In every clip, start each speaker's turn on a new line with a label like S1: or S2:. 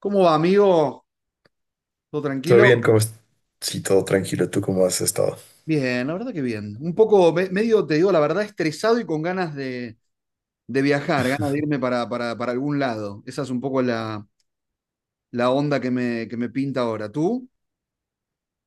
S1: ¿Cómo va, amigo? ¿Todo
S2: ¿Todo bien?
S1: tranquilo?
S2: Sí, todo tranquilo. ¿Tú cómo has estado?
S1: Bien, la verdad que bien. Un poco, medio, te digo, la verdad, estresado y con ganas de viajar, ganas de irme para algún lado. Esa es un poco la onda que me pinta ahora. ¿Tú?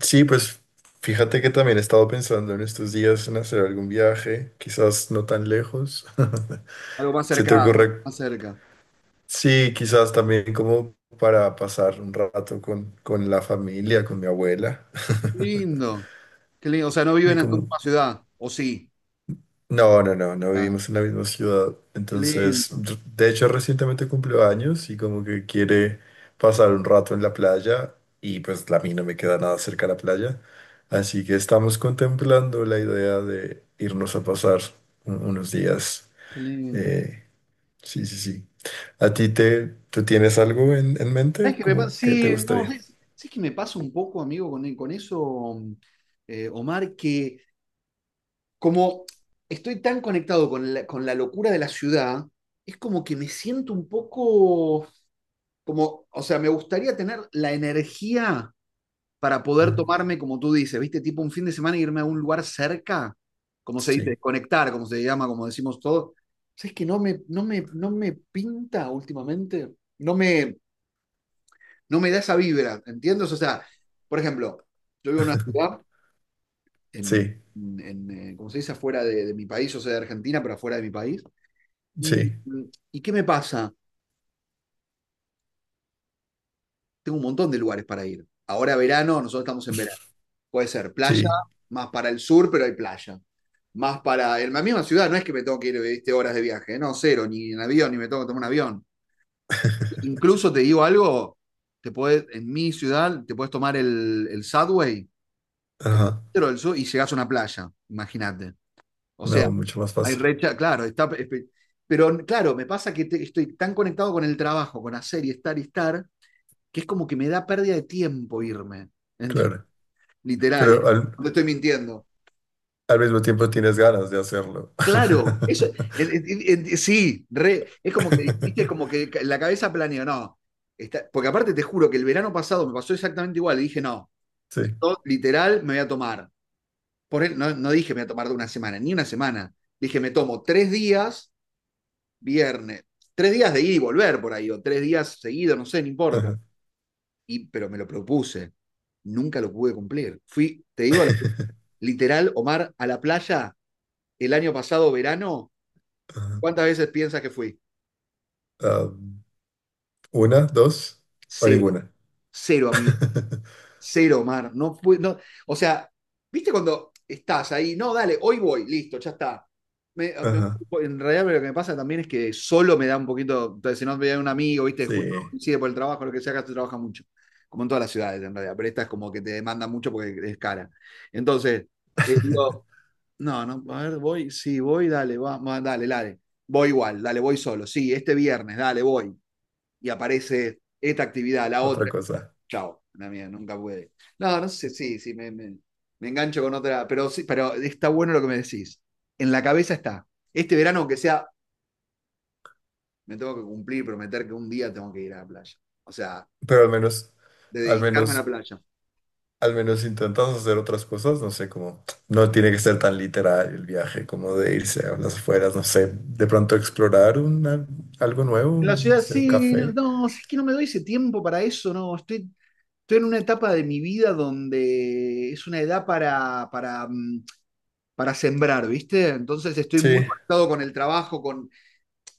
S2: Sí, pues fíjate que también he estado pensando en estos días en hacer algún viaje, quizás no tan lejos.
S1: Algo más
S2: ¿Se te
S1: cerca,
S2: ocurre?
S1: más cerca.
S2: Sí, quizás también como para pasar un rato con la familia, con mi abuela.
S1: Lindo, qué lindo. O sea, no
S2: Y
S1: viven en tu
S2: como,
S1: misma ciudad, ¿o sí?
S2: No, no, no, no
S1: Ah,
S2: vivimos en la misma ciudad.
S1: qué
S2: Entonces,
S1: lindo,
S2: de hecho, recientemente cumplió años y como que quiere pasar un rato en la playa y pues la mí no me queda nada cerca a la playa. Así que estamos contemplando la idea de irnos a pasar unos días.
S1: qué lindo.
S2: Eh, sí, sí, sí. Tú tienes algo en
S1: ¿Sabes
S2: mente?
S1: qué me pasa?
S2: ¿Cómo que te
S1: Sí, no,
S2: gustaría?
S1: ¿sabes qué me pasa un poco, amigo, con eso, Omar? Que como estoy tan conectado con con la locura de la ciudad, es como que me siento un poco como, o sea, me gustaría tener la energía para poder
S2: Ajá.
S1: tomarme, como tú dices, ¿viste? Tipo un fin de semana e irme a un lugar cerca, como se dice,
S2: Sí,
S1: desconectar, como se llama, como decimos todos. ¿Sabes que no me pinta últimamente? No me da esa vibra, ¿entiendes? O sea, por ejemplo, yo vivo en una ciudad, en,
S2: sí,
S1: como se dice, afuera de mi país, o sea, de Argentina, pero afuera de mi país. ¿Y,
S2: sí,
S1: y qué me pasa? Tengo un montón de lugares para ir. Ahora verano, nosotros estamos en verano. Puede ser playa,
S2: sí.
S1: más para el sur, pero hay playa. Más para en la misma ciudad, no es que me tengo que ir, ¿viste? Horas de viaje, ¿eh? No, cero, ni en avión, ni me tengo que tomar un avión. Incluso te digo algo, te podés, en mi ciudad te puedes tomar el Subway, el
S2: Ajá.
S1: metro del sur, y llegás a una playa, imagínate. O sea,
S2: No, mucho más
S1: hay
S2: fácil,
S1: recha, claro, está, pero claro, me pasa que estoy tan conectado con el trabajo, con hacer y estar que es como que me da pérdida de tiempo irme.
S2: claro.
S1: Literal, ¿eh?
S2: Pero al-
S1: No te estoy mintiendo.
S2: Al mismo tiempo tienes ganas de hacerlo.
S1: Claro, eso, sí, re, es como que, viste, es como que la cabeza planeó, no. Porque aparte te juro que el verano pasado me pasó exactamente igual, y dije, no,
S2: Sí.
S1: yo, literal me voy a tomar. Por él, no dije me voy a tomar de una semana, ni una semana. Dije, me tomo tres días, viernes, tres días de ir y volver por ahí, o tres días seguidos, no sé, no importa.
S2: Ajá,
S1: Y, pero me lo propuse. Nunca lo pude cumplir. Fui, te digo, literal, Omar, a la playa el año pasado, verano,
S2: ajá.
S1: ¿cuántas veces piensas que fui?
S2: Am, una, dos o
S1: Cero.
S2: ninguna.
S1: Cero, amigo. Cero, Omar. No, o sea, ¿viste cuando estás ahí? No, dale, hoy voy, listo, ya está. Me- ah, me-
S2: Ajá.
S1: en realidad lo que me pasa también es que solo me da un poquito, entonces si no me da un amigo, viste, justo
S2: Sí.
S1: coincide por el trabajo, lo que sea, acá se trabaja mucho, como en todas las ciudades en realidad, pero esta es como que te demanda mucho porque es cara. Entonces, digo, no, no, a ver, voy, sí, voy, dale, va, dale, dale. Voy igual, dale, voy solo. Sí, este viernes, dale, voy. Y aparece esta actividad, la
S2: Otra
S1: otra.
S2: cosa.
S1: Chao, la mía, nunca puede. No, no sé, sí, sí, me engancho con otra, pero sí, pero está bueno lo que me decís. En la cabeza está. Este verano, aunque sea, me tengo que cumplir, prometer que un día tengo que ir a la playa. O sea,
S2: Pero al menos,
S1: de
S2: al
S1: dedicarme a la
S2: menos,
S1: playa.
S2: al menos intentas hacer otras cosas. No sé, como no tiene que ser tan literal el viaje, como de irse a las afueras, no sé, de pronto explorar algo nuevo,
S1: En la
S2: no
S1: ciudad
S2: sé, un
S1: sí, no,
S2: café.
S1: no, es que no me doy ese tiempo para eso, no, estoy. Estoy en una etapa de mi vida donde es una edad para sembrar, ¿viste? Entonces estoy
S2: Sí,
S1: muy conectado con el trabajo, con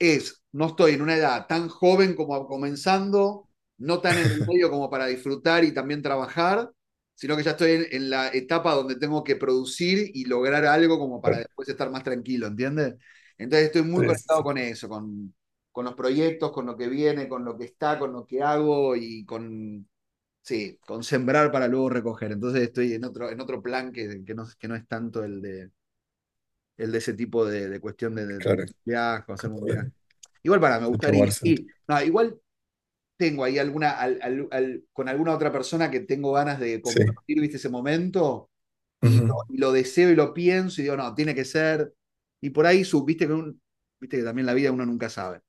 S1: es, no estoy en una edad tan joven como comenzando, no tan en el medio como para disfrutar y también trabajar, sino que ya estoy en la etapa donde tengo que producir y lograr algo como para
S2: claro,
S1: después estar más tranquilo, ¿entiendes? Entonces estoy muy
S2: sí, sí,
S1: conectado
S2: sí,
S1: con eso, con los proyectos, con lo que viene, con lo que está, con lo que hago y con. Sí, con sembrar para luego recoger. Entonces estoy en otro plan que no es tanto el de ese tipo de cuestión de tomar
S2: claro,
S1: un viaje, o hacer un
S2: como
S1: viaje.
S2: de,
S1: Igual para, me
S2: de
S1: gustaría.
S2: tomarse
S1: Sí, no, igual tengo ahí alguna, con alguna otra persona que tengo ganas de
S2: Sí.
S1: compartir, viste, ese momento,
S2: Ujú.
S1: y lo deseo y lo pienso, y digo, no, tiene que ser. Y por ahí, sub, viste, viste que también la vida uno nunca sabe.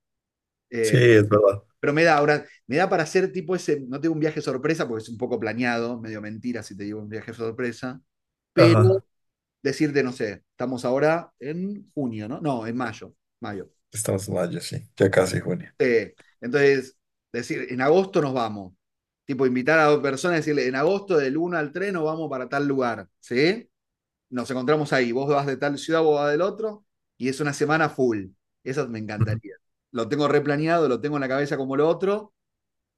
S2: Sí,
S1: Eh,
S2: es verdad.
S1: pero me da ahora, me da para hacer tipo ese, no tengo un viaje sorpresa porque es un poco planeado, medio mentira si te digo un viaje sorpresa,
S2: Ajá.
S1: pero decirte, no sé, estamos ahora en junio, ¿no? No, en mayo, mayo.
S2: Estamos en mayo, sí, ya casi junio.
S1: Eh, entonces, decir, en agosto nos vamos. Tipo, invitar a dos personas y decirle, en agosto del 1 al 3 nos vamos para tal lugar, ¿sí? Nos encontramos ahí, vos vas de tal ciudad, vos vas del otro, y es una semana full. Eso me
S2: Ujú.
S1: encantaría. Lo tengo replaneado, lo tengo en la cabeza como lo otro,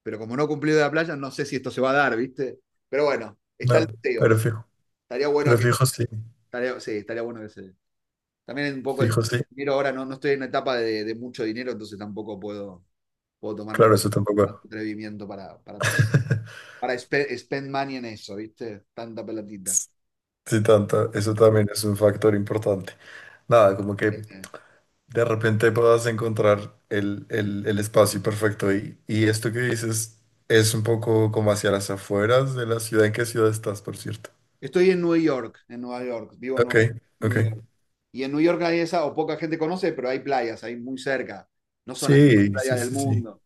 S1: pero como no cumplió de la playa, no sé si esto se va a dar, ¿viste? Pero bueno, está el
S2: No, pero
S1: deseo.
S2: fijo.
S1: Estaría bueno
S2: Pero
S1: que.
S2: fijo sí.
S1: Estaría, sí, estaría bueno que se. También un poco el
S2: Fijo sí.
S1: dinero ahora, no, no estoy en una etapa de mucho dinero, entonces tampoco puedo, puedo tomarme
S2: Claro, eso
S1: tanto
S2: tampoco.
S1: atrevimiento para spend money en eso, ¿viste? Tanta pelatita.
S2: Sí, tanto, eso también es un factor importante. Nada, como que de repente puedas encontrar el espacio perfecto y esto que dices es un poco como hacia las afueras de la ciudad. ¿En qué ciudad estás, por cierto?
S1: Estoy en Nueva York, vivo en
S2: Ok,
S1: Nueva
S2: ok.
S1: Nueva York. Y en Nueva York hay esa, o poca gente conoce, pero hay playas ahí muy cerca. No son las mejores
S2: Sí,
S1: playas
S2: sí,
S1: del
S2: sí, sí.
S1: mundo,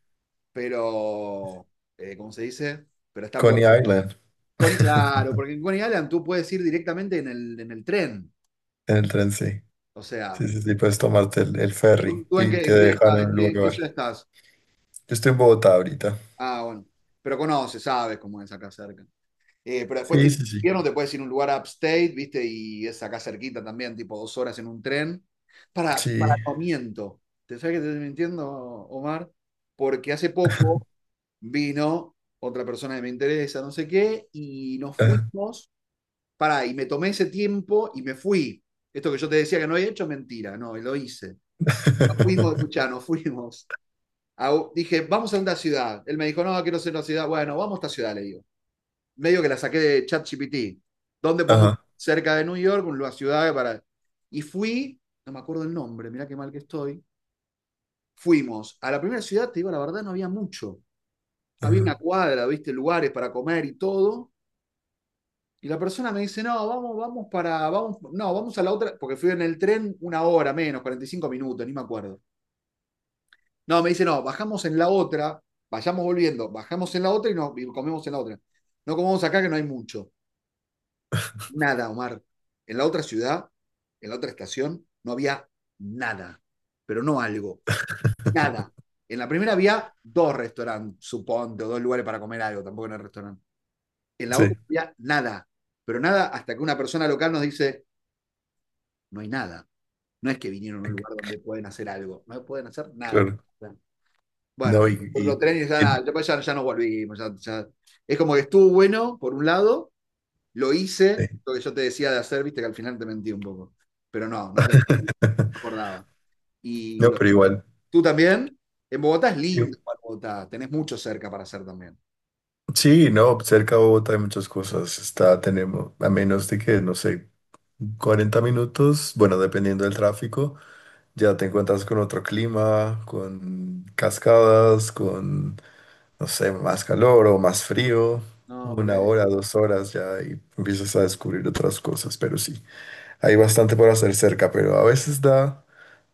S1: pero, ¿cómo se dice? Pero están
S2: Coney
S1: buenas.
S2: Island,
S1: Coney, claro, porque en Coney Island tú puedes ir directamente en el tren.
S2: en el tren, sí.
S1: O sea,
S2: Sí, sí, sí, puedes tomarte el
S1: ¿tú,
S2: ferry
S1: tú en
S2: y
S1: qué,
S2: te dejan en un
S1: en qué
S2: lugar.
S1: ciudad estás?
S2: Yo estoy en Bogotá ahorita.
S1: Ah, bueno. Pero conoces, sabes cómo es acá cerca. Pero después
S2: Sí,
S1: tienes
S2: sí, sí.
S1: invierno, te puedes ir a un lugar upstate, ¿viste? Y es acá cerquita también, tipo dos horas en un tren.
S2: Sí.
S1: No miento. ¿Te sabes que te estoy mintiendo, Omar? Porque hace poco vino otra persona que me interesa, no sé qué, y nos
S2: Ajá,
S1: fuimos pará, y me tomé ese tiempo y me fui. Esto que yo te decía que no había hecho, mentira, no, lo hice. Nos fuimos, escuchá, nos fuimos. A dije, vamos a una ciudad. Él me dijo, no, quiero hacer una ciudad. Bueno, vamos a esta ciudad, le digo. Medio que la saqué de ChatGPT. ¿Dónde podemos?
S2: ajá.
S1: Cerca de New York, una ciudad para... Y fui, no me acuerdo el nombre, mirá qué mal que estoy. Fuimos. A la primera ciudad, te digo, la verdad, no había mucho. Había
S2: Ajá.
S1: una cuadra, viste, lugares para comer y todo. Y la persona me dice, no, vamos a la otra, porque fui en el tren una hora menos, 45 minutos, ni me acuerdo. No, me dice, no, bajamos en la otra, vayamos volviendo, bajamos en la otra y, no y comemos en la otra. No comemos acá que no hay mucho. Nada, Omar. En la otra ciudad, en la otra estación, no había nada, pero no algo, nada. En la primera había dos restaurantes, suponte, o dos lugares para comer algo, tampoco en el restaurante. En la
S2: Sí,
S1: otra había nada, pero nada hasta que una persona local nos dice, no hay nada. No es que vinieron a un
S2: eh,
S1: lugar donde pueden hacer algo, no pueden hacer nada.
S2: claro. No,
S1: Bueno, otro tren y ya,
S2: y-
S1: nada, ya, pues ya nos volvimos. Ya. Es como que estuvo bueno, por un lado, lo
S2: sí.
S1: hice, lo que yo te decía de hacer, viste que al final te mentí un poco. Pero no, no te no acordaba. Y
S2: No,
S1: lo-
S2: pero igual.
S1: Tú también, en Bogotá es
S2: y-
S1: lindo, igual Bogotá, tenés mucho cerca para hacer también.
S2: Sí, no, cerca de Bogotá hay muchas cosas. Está, tenemos, a menos de que, no sé, 40 minutos, bueno, dependiendo del tráfico, ya te encuentras con otro clima, con cascadas, con no sé, más calor o más frío,
S1: No, por
S2: una hora,
S1: eso.
S2: 2 horas ya y empiezas a descubrir otras cosas, pero sí, hay bastante por hacer cerca, pero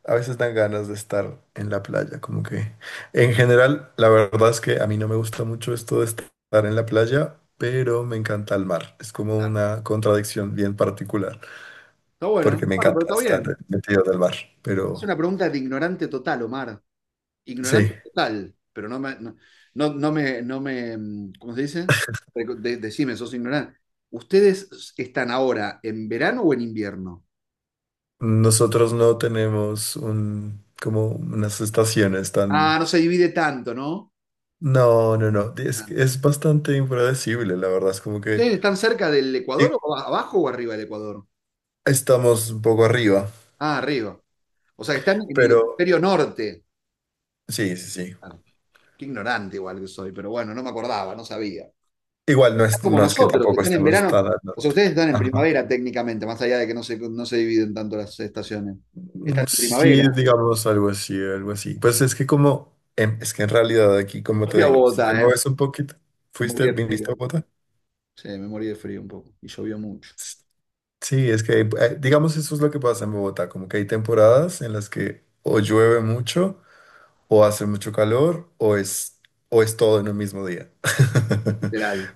S2: a veces dan ganas de estar en la playa, como que en general, la verdad es que a mí no me gusta mucho esto de estar en la playa, pero me encanta el mar, es como
S1: Claro.
S2: una contradicción bien particular,
S1: Está bueno,
S2: porque me
S1: bueno, pero
S2: encanta
S1: está
S2: estar
S1: bien.
S2: metido en el mar,
S1: Es
S2: pero
S1: una pregunta de ignorante total, Omar.
S2: sí.
S1: Ignorante total, pero no, mm, ¿cómo se dice? Decime, sos ignorante. ¿Ustedes están ahora en verano o en invierno?
S2: Nosotros no tenemos como unas estaciones
S1: Ah,
S2: tan.
S1: no se divide tanto, ¿no?
S2: No, no, no. Es,
S1: Ah.
S2: es bastante impredecible, la verdad. Es como que
S1: ¿Ustedes están cerca del Ecuador
S2: i-
S1: o abajo o arriba del Ecuador?
S2: estamos un poco arriba,
S1: Ah, arriba. O sea, que están en el
S2: pero
S1: hemisferio norte.
S2: sí, sí, sí.
S1: Ah, qué ignorante igual que soy, pero bueno, no me acordaba, no sabía.
S2: Igual no
S1: Es
S2: es,
S1: como
S2: no es que
S1: nosotros, que
S2: tampoco
S1: están en
S2: estemos tan
S1: verano.
S2: al
S1: O sea,
S2: norte.
S1: ustedes están en
S2: Ajá.
S1: primavera técnicamente, más allá de que no se dividen tanto las estaciones. Están en
S2: Sí,
S1: primavera.
S2: digamos algo así, algo así. Pues es que como, es que en realidad aquí, como te
S1: Fui a
S2: digo, si te
S1: Bogotá, ¿eh?
S2: mueves un poquito,
S1: Me morí de frío.
S2: viniste a Bogotá.
S1: Sí, me morí de frío un poco. Y llovió mucho.
S2: S- Sí, es que, digamos, eso es lo que pasa en Bogotá, como que hay temporadas en las que o llueve mucho, o hace mucho calor o es, todo en un mismo día.
S1: Literal,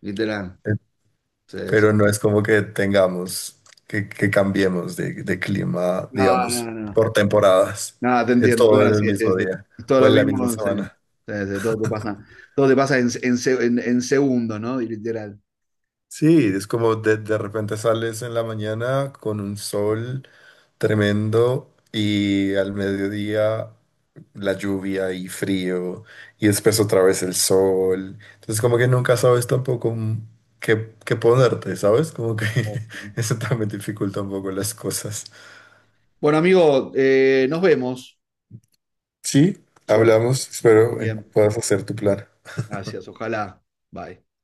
S1: literal.
S2: Eh,
S1: Sí, sí.
S2: Pero no es como que tengamos, que cambiemos de clima,
S1: No, no,
S2: digamos,
S1: no.
S2: por temporadas.
S1: No, te
S2: Es
S1: entiendo,
S2: todo
S1: claro,
S2: en el
S1: sí, sí,
S2: mismo
S1: sí.
S2: día
S1: Es todo
S2: o
S1: lo
S2: en la misma
S1: mismo, sí.
S2: semana.
S1: Sí, sí, todo te pasa en segundos, ¿no? Y literal.
S2: Sí, es como de repente sales en la mañana con un sol. Tremendo. Y al mediodía la lluvia y frío. Y después otra vez el sol. Entonces como que nunca sabes tampoco qué ponerte, ¿sabes? Como que eso también dificulta un poco las cosas.
S1: Bueno, amigo, nos vemos.
S2: Sí,
S1: Suerte.
S2: hablamos. Espero
S1: Bien.
S2: puedas hacer tu plan.
S1: Gracias, ojalá. Bye.